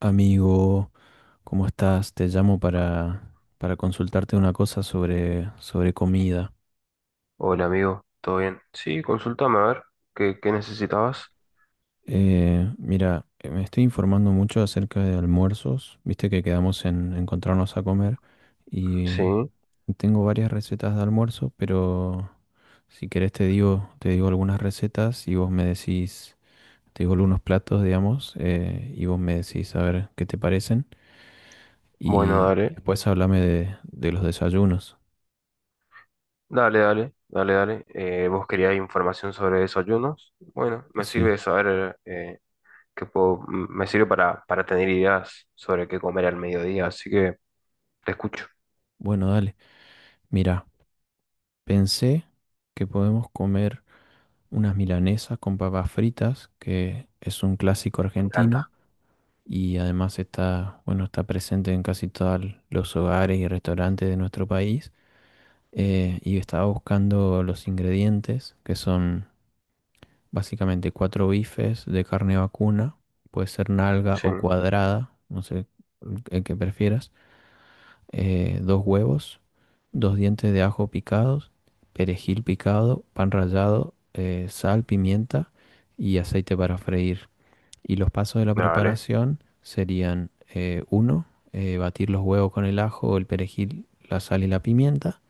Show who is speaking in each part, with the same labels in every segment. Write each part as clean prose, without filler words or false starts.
Speaker 1: Amigo, ¿cómo estás? Te llamo para consultarte una cosa sobre comida.
Speaker 2: Hola amigo, ¿todo bien? Sí, consultame a ver, ¿qué necesitabas?
Speaker 1: Mira, me estoy informando mucho acerca de almuerzos. Viste que quedamos en encontrarnos a comer
Speaker 2: Sí,
Speaker 1: y tengo varias recetas de almuerzo, pero si querés te digo algunas recetas y vos me decís, te digo algunos platos, digamos, y vos me decís a ver qué te parecen
Speaker 2: bueno,
Speaker 1: y
Speaker 2: dale,
Speaker 1: después háblame de los desayunos.
Speaker 2: dale, dale, dale, dale. ¿Vos querías información sobre desayunos? Bueno, me
Speaker 1: Sí,
Speaker 2: sirve saber qué puedo, me sirve para tener ideas sobre qué comer al mediodía, así que te escucho,
Speaker 1: bueno, dale. Mira, pensé que podemos comer unas milanesas con papas fritas, que es un clásico
Speaker 2: me
Speaker 1: argentino
Speaker 2: encanta.
Speaker 1: y además está, bueno, está presente en casi todos los hogares y restaurantes de nuestro país. Y estaba buscando los ingredientes, que son básicamente cuatro bifes de carne vacuna, puede ser nalga
Speaker 2: Sí,
Speaker 1: o cuadrada, no sé el que prefieras, dos huevos, dos dientes de ajo picados, perejil picado, pan rallado, sal, pimienta y aceite para freír. Y los pasos de la
Speaker 2: dale,
Speaker 1: preparación serían, uno, batir los huevos con el ajo, el perejil, la sal y la pimienta.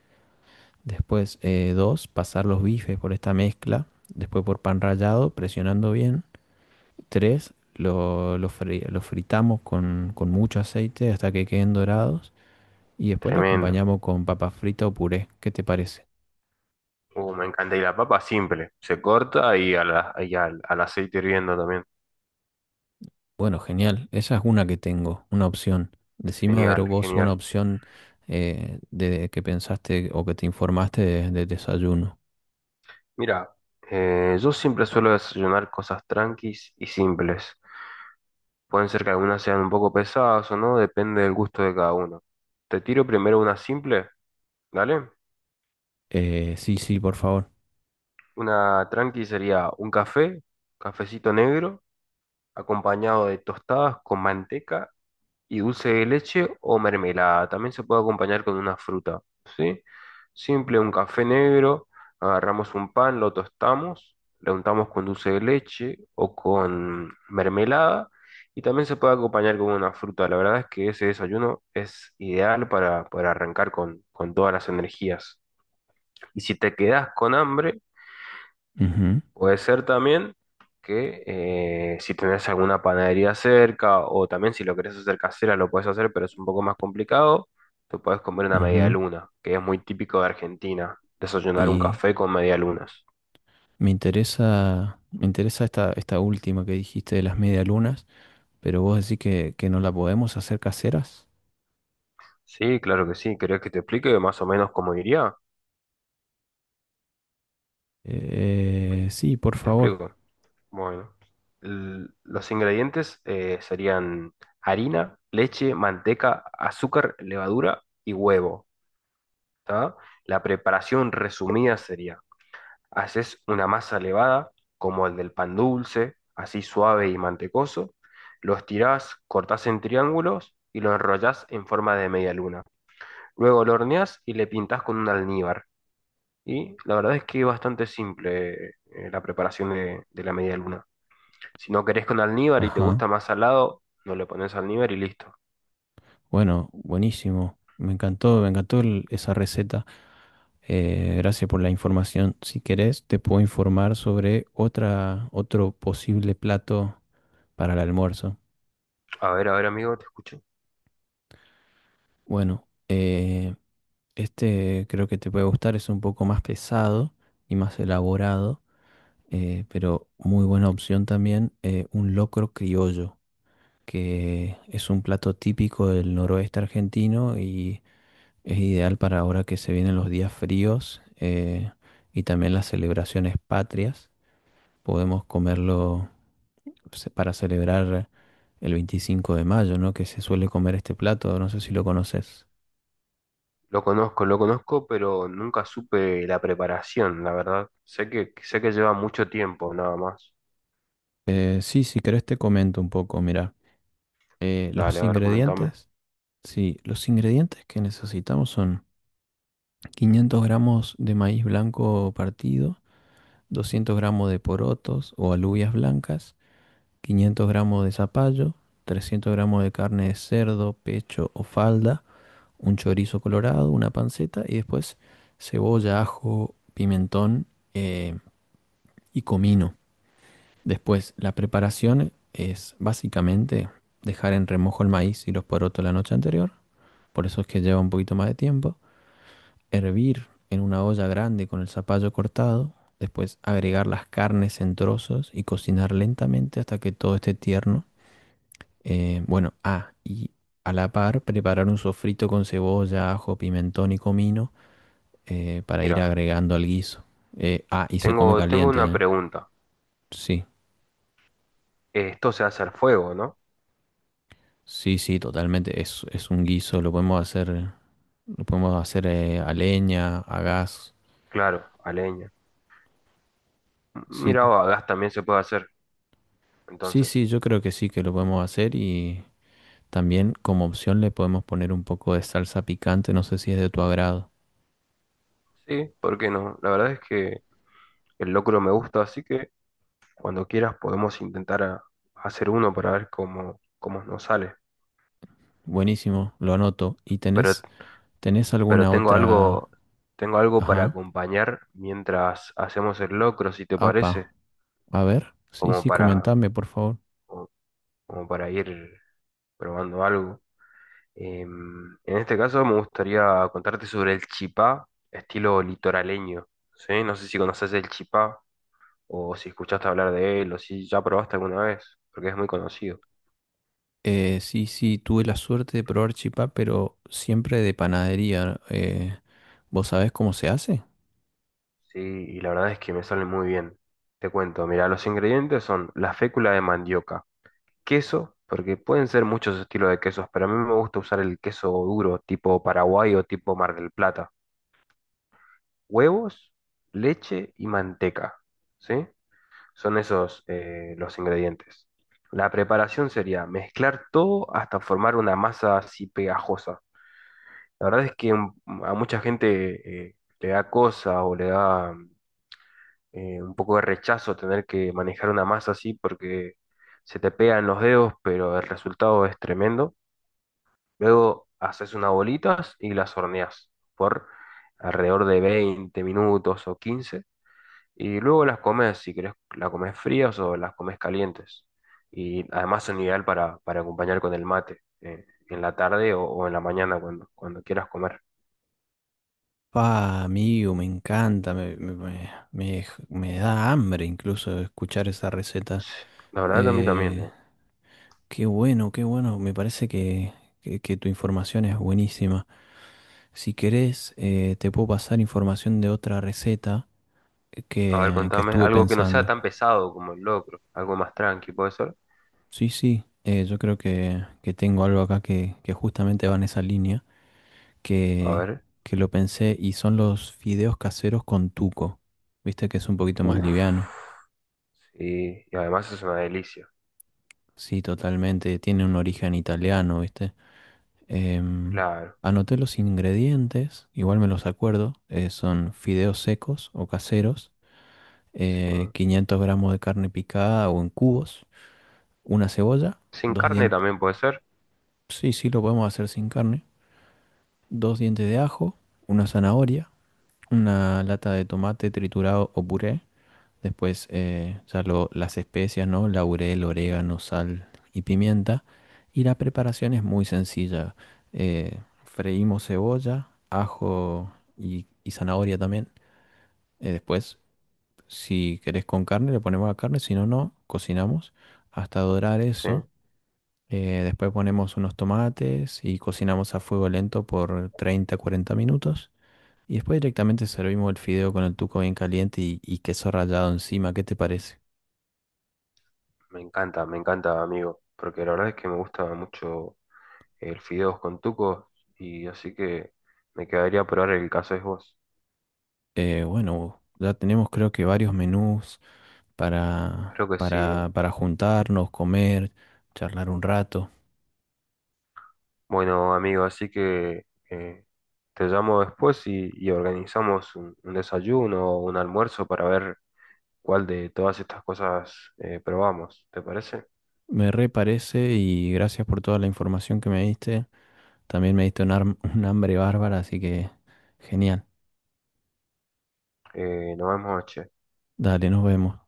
Speaker 1: Después, dos, pasar los bifes por esta mezcla. Después por pan rallado, presionando bien. Tres, lo fritamos con mucho aceite hasta que queden dorados. Y después la
Speaker 2: tremendo.
Speaker 1: acompañamos con papa frita o puré. ¿Qué te parece?
Speaker 2: Me encanta. Y la papa simple, se corta y, a la, y al, al aceite hirviendo también.
Speaker 1: Bueno, genial. Esa es una que tengo, una opción. Decime a ver
Speaker 2: Genial,
Speaker 1: vos una
Speaker 2: genial.
Speaker 1: opción, de que pensaste o que te informaste de desayuno.
Speaker 2: Mira, yo siempre suelo desayunar cosas tranquis y simples. Pueden ser que algunas sean un poco pesadas o no, depende del gusto de cada uno. Te tiro primero una simple, ¿dale?
Speaker 1: Sí, sí, por favor.
Speaker 2: Una tranqui sería un café, cafecito negro, acompañado de tostadas con manteca y dulce de leche o mermelada. También se puede acompañar con una fruta, ¿sí? Simple, un café negro, agarramos un pan, lo tostamos, le untamos con dulce de leche o con mermelada y también se puede acompañar con una fruta. La verdad es que ese desayuno es ideal para arrancar con todas las energías. Y si te quedas con hambre,
Speaker 1: Ujú,
Speaker 2: puede ser también que si tenés alguna panadería cerca o también si lo querés hacer casera lo puedes hacer, pero es un poco más complicado. Te puedes comer una media
Speaker 1: ujú.
Speaker 2: luna, que es muy típico de Argentina, desayunar un
Speaker 1: Y
Speaker 2: café con media lunas.
Speaker 1: me interesa esta última que dijiste de las medialunas, pero vos decís que no la podemos hacer caseras.
Speaker 2: Sí, claro que sí. ¿Querés que te explique más o menos cómo iría?
Speaker 1: Sí, por
Speaker 2: Te
Speaker 1: favor.
Speaker 2: explico. Bueno, los ingredientes serían harina, leche, manteca, azúcar, levadura y huevo. ¿Tá? La preparación resumida sería: haces una masa elevada, como el del pan dulce, así suave y mantecoso. Lo estirás, cortás en triángulos y lo enrollás en forma de media luna. Luego lo horneás y le pintás con un almíbar. Y la verdad es que es bastante simple la preparación de la media luna. Si no querés con almíbar y te
Speaker 1: Ajá.
Speaker 2: gusta más salado, no le pones almíbar y listo.
Speaker 1: Bueno, buenísimo. Me encantó esa receta. Gracias por la información. Si querés, te puedo informar sobre otro posible plato para el almuerzo.
Speaker 2: A ver, amigo, te escucho.
Speaker 1: Bueno, este creo que te puede gustar, es un poco más pesado y más elaborado, pero muy buena opción también, un locro criollo, que es un plato típico del noroeste argentino. Es ideal para ahora que se vienen los días fríos, y también las celebraciones patrias. Podemos comerlo, para celebrar el 25 de mayo, ¿no? Que se suele comer este plato, no sé si lo conoces.
Speaker 2: Lo conozco, pero nunca supe la preparación, la verdad. Sé que lleva mucho tiempo, nada más.
Speaker 1: Sí, si querés te comento un poco, mira.
Speaker 2: Dale,
Speaker 1: Los
Speaker 2: a ver, comentame.
Speaker 1: ingredientes, sí, los ingredientes que necesitamos son 500 gramos de maíz blanco partido, 200 gramos de porotos o alubias blancas, 500 gramos de zapallo, 300 gramos de carne de cerdo, pecho o falda, un chorizo colorado, una panceta y después cebolla, ajo, pimentón, eh, y comino. Después, la preparación es básicamente dejar en remojo el maíz y los porotos la noche anterior, por eso es que lleva un poquito más de tiempo, hervir en una olla grande con el zapallo cortado, después agregar las carnes en trozos y cocinar lentamente hasta que todo esté tierno. Bueno, y a la par preparar un sofrito con cebolla, ajo, pimentón y comino, para ir
Speaker 2: Mira,
Speaker 1: agregando al guiso. Y se come
Speaker 2: tengo
Speaker 1: caliente,
Speaker 2: una
Speaker 1: ¿eh?
Speaker 2: pregunta.
Speaker 1: Sí,
Speaker 2: Esto se hace al fuego, ¿no?
Speaker 1: sí, sí, totalmente. Es un guiso, lo podemos hacer a leña, a gas.
Speaker 2: Claro, a leña.
Speaker 1: Sí,
Speaker 2: Mira, o a gas también se puede hacer.
Speaker 1: sí,
Speaker 2: Entonces,
Speaker 1: sí, yo creo que sí que lo podemos hacer y también como opción le podemos poner un poco de salsa picante, no sé si es de tu agrado.
Speaker 2: sí, ¿por qué no? La verdad es que el locro me gusta, así que cuando quieras podemos intentar hacer uno para ver cómo, cómo nos sale.
Speaker 1: Buenísimo, lo anoto. ¿Y
Speaker 2: Pero,
Speaker 1: tenés
Speaker 2: pero
Speaker 1: alguna
Speaker 2: tengo
Speaker 1: otra?
Speaker 2: algo, tengo algo para
Speaker 1: Ajá.
Speaker 2: acompañar mientras hacemos el locro, si te parece,
Speaker 1: Apa, a ver, sí,
Speaker 2: como
Speaker 1: sí,
Speaker 2: para,
Speaker 1: comentame, por favor.
Speaker 2: como como para ir probando algo. En este caso me gustaría contarte sobre el chipá, estilo litoraleño, ¿sí? No sé si conoces el chipá o si escuchaste hablar de él o si ya probaste alguna vez, porque es muy conocido,
Speaker 1: Sí, sí, tuve la suerte de probar chipá, pero siempre de panadería. ¿Vos sabés cómo se hace?
Speaker 2: ¿sí? Y la verdad es que me sale muy bien. Te cuento, mira, los ingredientes son la fécula de mandioca, queso, porque pueden ser muchos estilos de quesos, pero a mí me gusta usar el queso duro, tipo Paraguay o tipo Mar del Plata, huevos, leche y manteca, ¿sí? Son esos los ingredientes. La preparación sería mezclar todo hasta formar una masa así pegajosa. La verdad es que a mucha gente le da cosa o le da un poco de rechazo tener que manejar una masa así porque se te pegan los dedos, pero el resultado es tremendo. Luego haces unas bolitas y las horneas por alrededor de 20 minutos o 15 y luego las comes, si querés, las comes frías o las comes calientes. Y además son ideal para acompañar con el mate, en la tarde o en la mañana cuando, cuando quieras comer.
Speaker 1: Pa, amigo, me encanta, me da hambre incluso escuchar esa receta.
Speaker 2: Sí, la verdad que a mí también,
Speaker 1: Eh,
Speaker 2: eh.
Speaker 1: Qué bueno, qué bueno, me parece que, que tu información es buenísima. Si querés, te puedo pasar información de otra receta
Speaker 2: A ver,
Speaker 1: que
Speaker 2: contame,
Speaker 1: estuve
Speaker 2: algo que no sea
Speaker 1: pensando.
Speaker 2: tan pesado como el locro, algo más tranqui, ¿puede ser?
Speaker 1: Sí, sí, yo creo que tengo algo acá que justamente va en esa línea,
Speaker 2: A
Speaker 1: que,
Speaker 2: ver,
Speaker 1: que lo pensé y son los fideos caseros con tuco. Viste que es un poquito más liviano.
Speaker 2: uff, sí, y además es una delicia,
Speaker 1: Sí, totalmente, tiene un origen italiano, ¿viste? Em,
Speaker 2: claro,
Speaker 1: Anoté los ingredientes, igual me los acuerdo, son fideos secos o caseros,
Speaker 2: sí.
Speaker 1: 500 gramos de carne picada o en cubos, una cebolla,
Speaker 2: Sin
Speaker 1: dos
Speaker 2: carne
Speaker 1: dientes.
Speaker 2: también puede ser,
Speaker 1: Sí, sí, lo podemos hacer sin carne. Dos dientes de ajo, una zanahoria, una lata de tomate triturado o puré. Después, las especias, ¿no? Laurel, orégano, sal y pimienta. Y la preparación es muy sencilla. Freímos cebolla, ajo y zanahoria también. Después, si querés con carne, le ponemos la carne. Si no, no, cocinamos hasta dorar
Speaker 2: sí.
Speaker 1: eso. Después ponemos unos tomates y cocinamos a fuego lento por 30 cuarenta minutos. Y después directamente servimos el fideo con el tuco bien caliente y queso rallado encima. ¿Qué te parece?
Speaker 2: Me encanta, amigo, porque la verdad es que me gusta mucho el Fideos con Tuco, y así que me quedaría a probar el caso es vos.
Speaker 1: Bueno, ya tenemos creo que varios menús para,
Speaker 2: Creo que sí. Eh.
Speaker 1: para, para juntarnos, comer, charlar un rato.
Speaker 2: Bueno, amigo, así que te llamo después y organizamos un desayuno o un almuerzo para ver cuál de todas estas cosas probamos. ¿Te parece?
Speaker 1: Me re parece y gracias por toda la información que me diste. También me diste un hambre bárbara, así que genial.
Speaker 2: Nos vemos, che.
Speaker 1: Dale, nos vemos.